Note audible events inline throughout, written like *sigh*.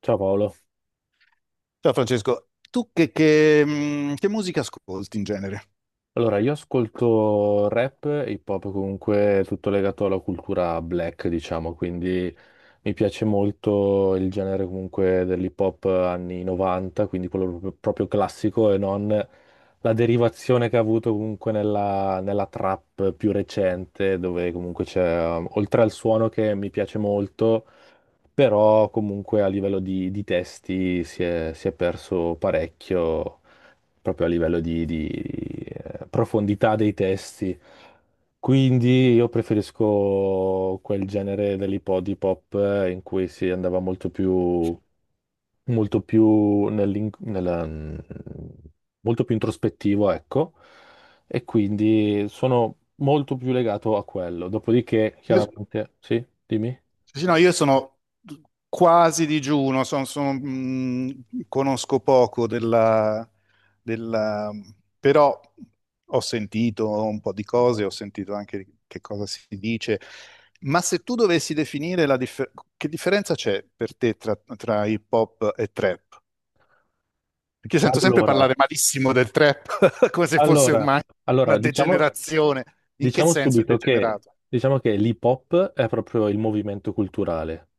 Ciao Paolo. Ciao Francesco, tu che musica ascolti in genere? Allora, io ascolto rap e hip hop comunque tutto legato alla cultura black, diciamo, quindi mi piace molto il genere comunque dell'hip hop anni 90, quindi quello proprio, proprio classico e non la derivazione che ha avuto comunque nella trap più recente, dove comunque c'è, oltre al suono che mi piace molto, però comunque a livello di testi si è perso parecchio proprio a livello di profondità dei testi. Quindi io preferisco quel genere dell'hip hop hip hop, in cui si andava molto più, molto più, molto più introspettivo, ecco, e quindi sono molto più legato a quello. Dopodiché, Io, chiaramente, sì, dimmi. sì, no, io sono quasi digiuno, sono, conosco poco della, della- però ho sentito un po' di cose, ho sentito anche di che cosa si dice, ma se tu dovessi definire che differenza c'è per te tra hip hop e trap? Perché io sento sempre Allora, parlare malissimo del trap, *laughs* come se fosse ormai allora, una allora, diciamo. degenerazione. In che Diciamo senso è subito che, degenerato? diciamo che l'hip hop è proprio il movimento culturale.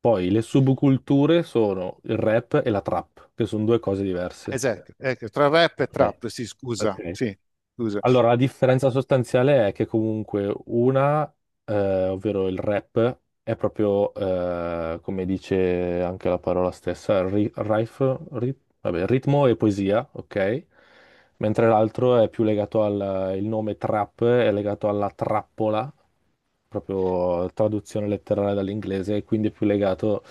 Poi le subculture sono il rap e la trap, che sono due cose diverse. Esatto, ecco, tra rap e Ok, trap, sì, scusa, ok. sì, scusa. Allora, la differenza sostanziale è che comunque una, ovvero il rap, è proprio, come dice anche la parola stessa, vabbè, ritmo e poesia, ok? Mentre l'altro è più legato il nome trap è legato alla trappola, proprio traduzione letterale dall'inglese, e quindi è più legato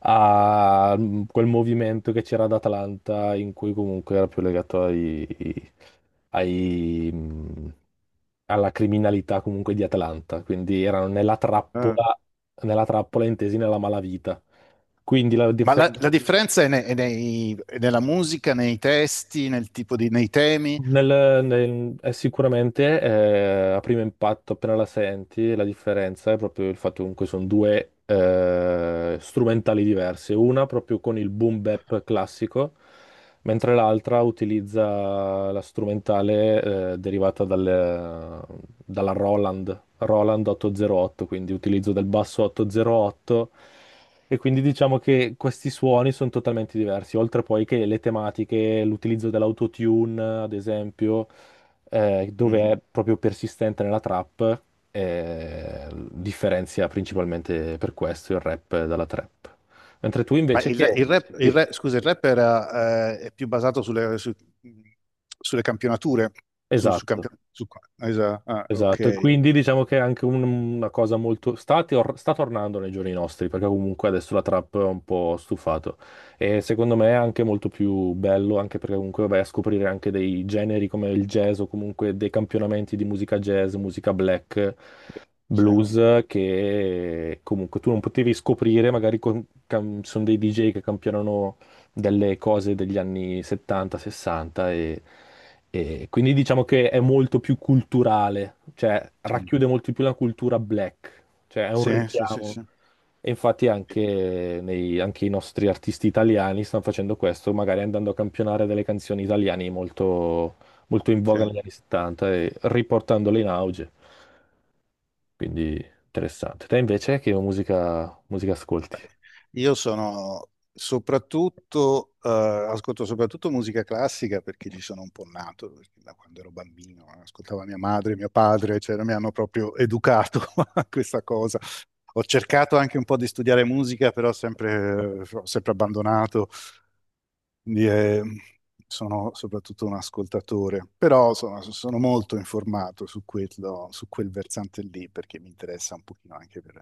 a quel movimento che c'era ad Atlanta, in cui comunque era più legato ai, mh, alla criminalità comunque di Atlanta, quindi erano Eh, nella trappola intesi nella malavita. Quindi la Ma la, differenza. la differenza è nella musica, nei testi, nel tipo di, nei temi. Sicuramente a primo impatto, appena la senti, la differenza è proprio il fatto comunque sono due strumentali diverse, una proprio con il boom bap classico, mentre l'altra utilizza la strumentale derivata dalla Roland 808, quindi utilizzo del basso 808 e quindi diciamo che questi suoni sono totalmente diversi, oltre poi che le tematiche, l'utilizzo dell'autotune, ad esempio, Mhm. dove è proprio persistente nella trap, differenzia principalmente per questo il rap dalla trap. Mentre tu Ma invece che. il rap, Sì, scusa, il rap è più basato sulle, sulle campionature. Su, su esatto. campio- su- esa- ah, Esatto, e ok. quindi diciamo che è anche una cosa molto. Sta tornando nei giorni nostri, perché comunque adesso la trap è un po' stufato. E secondo me è anche molto più bello, anche perché comunque vai a scoprire anche dei generi come il jazz o comunque dei campionamenti di musica jazz, musica black, Sì, blues, che comunque tu non potevi scoprire, magari ci sono dei DJ che campionano delle cose degli anni 70, 60 e quindi diciamo che è molto più culturale, cioè racchiude molto più la cultura black, cioè è un sì, sì, sì, richiamo. sì. E infatti anche, anche i nostri artisti italiani stanno facendo questo, magari andando a campionare delle canzoni italiane molto, molto in voga Cioè, negli anni 70 e riportandole in auge. Quindi interessante. Te invece che musica ascolti? Ascolto soprattutto musica classica perché ci sono un po' nato, perché da quando ero bambino, ascoltava mia madre, mio padre, cioè mi hanno proprio educato *laughs* a questa cosa. Ho cercato anche un po' di studiare musica, però sempre, ho sempre abbandonato. Quindi sono soprattutto un ascoltatore, però insomma, sono molto informato su quello, su quel versante lì, perché mi interessa un pochino anche per,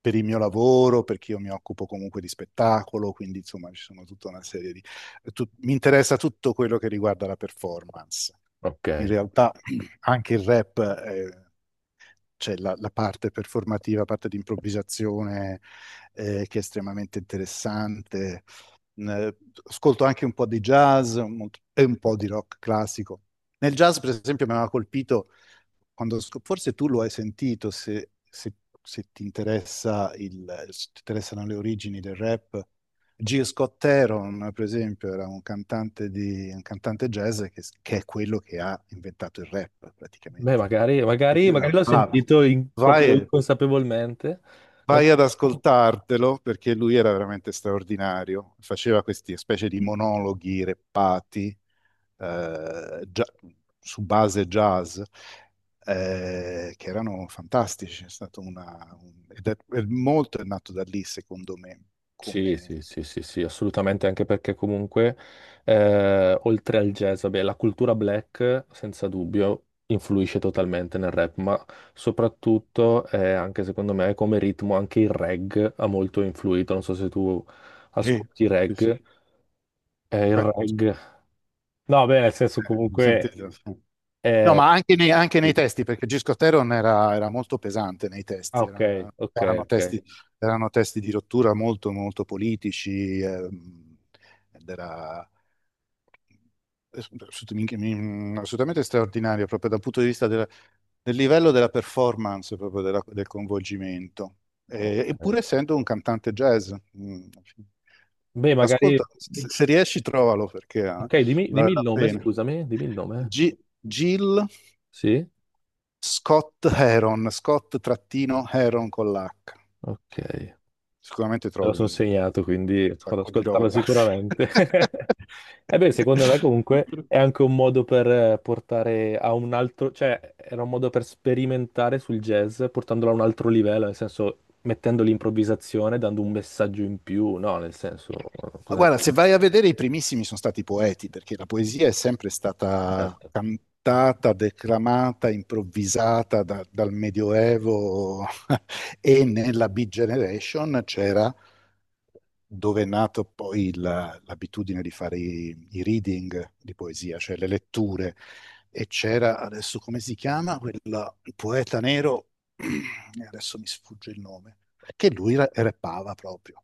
per il mio lavoro, perché io mi occupo comunque di spettacolo, quindi insomma ci sono tutta una serie di... Mi interessa tutto quello che riguarda la performance. In Ok. realtà *clears throat* anche il rap c'è la parte performativa, la parte di improvvisazione che è estremamente interessante. Mm, Ascolto anche un po' di jazz e un po' di rock classico. Nel jazz, per esempio, mi aveva colpito quando, forse tu lo hai sentito, se ti interessa il- se ti interessano le origini del rap. G. Scott Heron, per esempio, era un cantante jazz che è quello che ha inventato il rap, Beh, praticamente. magari, magari, Era magari l'ho bravo. sentito proprio Vai, inconsapevolmente. Ma- vai ad ascoltartelo perché lui era veramente straordinario. Faceva queste specie di monologhi reppati eh, gia- su base jazz che erano fantastici. È stato una, un- ed è molto è nato da lì, secondo me. Sì, sì, Come. sì, sì, sì, assolutamente, anche perché comunque, oltre al jazz, vabbè, la cultura black, senza dubbio, influisce totalmente nel rap, ma soprattutto, anche secondo me, come ritmo, anche il reg ha molto influito. Non so se tu Sì, ascolti sì, sì. reg, il Beh, reg. No, beh, nel senso lo comunque. sentite? No, eh, ma anche nei testi, perché Gisco Teron era molto pesante nei Ah, testi, ok, ok, erano ok. testi, erano testi di rottura molto, molto politici, ed era assolutamente straordinario proprio dal punto di vista del livello della performance, proprio del coinvolgimento. Eppure Ok. essendo un cantante jazz. mm, Beh, magari. Ascolta, se riesci trovalo perché Ok, dimmi, vale dimmi il la nome, pena. scusami, dimmi il nome. Gi- Gil Sì? Scott Heron, Scott trattino Heron con l'H. Ok, me Sicuramente lo trovi sono un segnato, quindi ad sacco di ascoltarlo roba. sicuramente. *laughs* E beh, secondo me comunque *laughs* è anche un modo per portare a un altro, cioè era un modo per sperimentare sul jazz, portandolo a un altro livello, nel senso mettendo l'improvvisazione, dando un messaggio in più, no, nel senso, "Oh, Ma cosa ne guarda, pensi? se vai a vedere i primissimi sono stati poeti, perché la poesia è sempre stata Certo, cantata, declamata, improvvisata dal Medioevo, e nella Beat Generation c'era dove è nato poi l'abitudine di fare i reading di poesia, cioè le letture, e c'era adesso come si chiama quel poeta nero, *clears throat* e adesso mi sfugge il nome, che lui rappava proprio.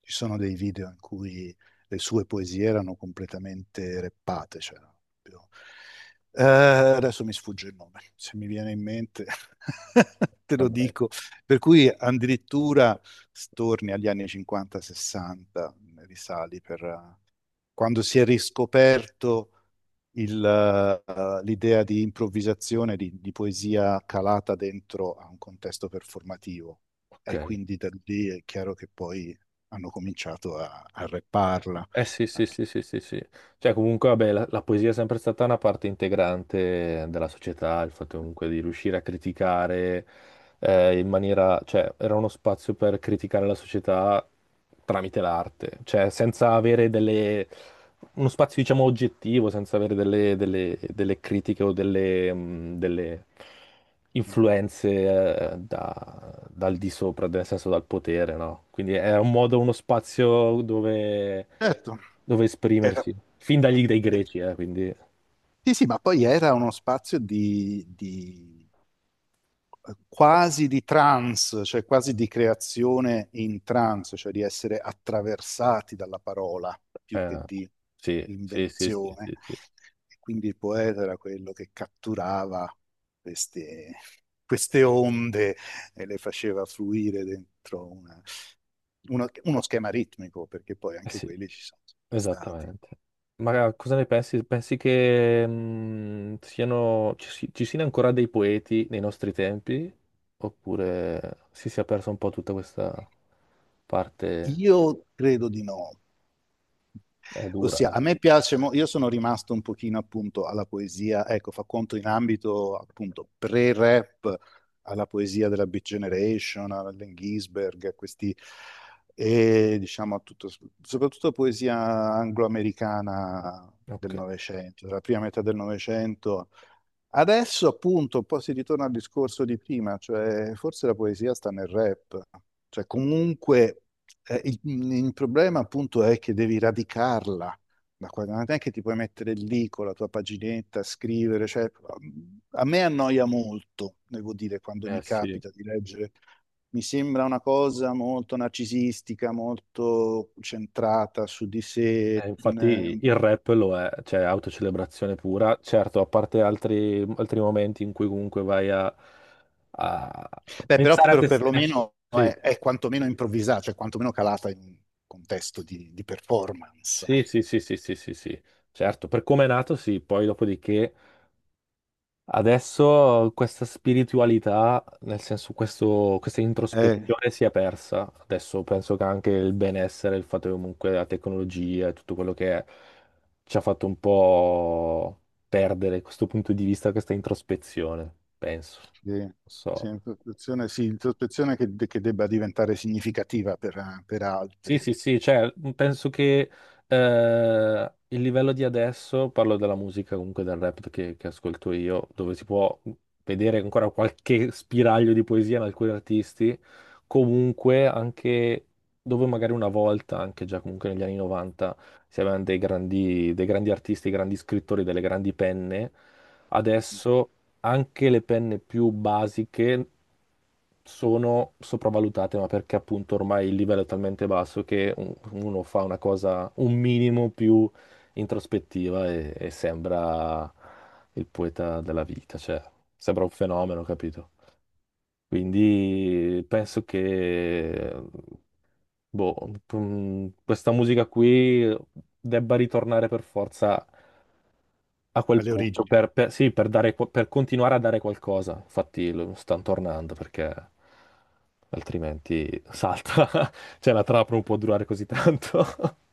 Ci sono dei video in cui le sue poesie erano completamente rappate, cioè erano proprio- Adesso mi sfugge il nome, se mi viene in mente *laughs* te lo vabbè, dico. Per cui addirittura torni agli anni 50-60, risali per quando si è riscoperto l'idea di improvvisazione, di, poesia calata dentro a un contesto performativo. E ok. quindi da lì è chiaro che poi hanno cominciato a, rapparla. Eh sì, sì, sì, sì, sì, sì. Cioè comunque, vabbè, la poesia è sempre stata una parte integrante della società, il fatto comunque di riuscire a criticare in maniera, cioè era uno spazio per criticare la società tramite l'arte, cioè senza avere delle uno spazio, diciamo, oggettivo, senza avere delle critiche o delle influenze dal di sopra, nel senso dal potere, no? Quindi è un modo, uno spazio dove, Certo, dove era- esprimersi, fin dagli dai greci, quindi sì, sì, ma poi era uno spazio di quasi di trance, cioè quasi di creazione in trance, cioè di essere attraversati dalla parola più eh, che di sì, sì, sì, sì, invenzione. sì, sì. E quindi il poeta era quello che catturava queste, queste onde e le faceva fluire dentro uno schema ritmico, perché poi Eh anche sì. quelli ci sono sempre stati. Esattamente. Ma cosa ne pensi? Pensi che ci siano ancora dei poeti nei nostri tempi? Oppure si sia persa un po' tutta questa parte? Io credo di no. È dura, Ossia, eh. a me piace, io sono rimasto un pochino appunto alla poesia, ecco, fa conto in ambito appunto pre-rap, alla poesia della Beat Generation, all'Allen Ginsberg, a questi, e diciamo a tutto, soprattutto poesia anglo-americana del Ok. Novecento, della prima metà del Novecento. Adesso appunto un po' si ritorna al discorso di prima, cioè forse la poesia sta nel rap, cioè comunque eh, il, il problema appunto è che devi radicarla, da qua, non è che ti puoi mettere lì con la tua paginetta, scrivere, cioè a me annoia molto, devo dire, quando Eh mi sì. capita di leggere, mi sembra una cosa molto narcisistica, molto centrata su di sé. Infatti Eh, il rap lo è, cioè autocelebrazione pura. Certo, a parte altri momenti in cui comunque vai a Beh, però pensare a per- te stesso. perlomeno Sì. È quantomeno improvvisata, cioè quantomeno calata in un contesto di performance. Sì, sì, sì, sì, sì, sì, sì, certo, per come è nato, sì, poi dopodiché adesso questa spiritualità, nel senso questa Eh, introspezione si è persa, adesso penso che anche il benessere, il fatto che comunque la tecnologia e tutto quello che è, ci ha fatto un po' perdere questo punto di vista, questa introspezione, penso, sì, non so. Sì, introspezione che debba diventare significativa per, Sì, altri, sì, sì, cioè, penso che il livello di adesso, parlo della musica, comunque del rap che ascolto io, dove si può vedere ancora qualche spiraglio di poesia in alcuni artisti, comunque anche dove magari una volta, anche già comunque negli anni 90, si avevano dei grandi artisti, dei grandi scrittori, delle grandi penne, adesso anche le penne più basiche sono sopravvalutate, ma perché appunto ormai il livello è talmente basso che uno fa una cosa un minimo più introspettiva e sembra il poeta della vita, cioè sembra un fenomeno, capito? Quindi penso che boh, questa musica qui debba ritornare per forza a quel alle punto origini. Sì, per dare, per continuare a dare qualcosa. Infatti lo stanno tornando perché altrimenti salta. *laughs* Cioè la trappola non può durare così tanto. *laughs*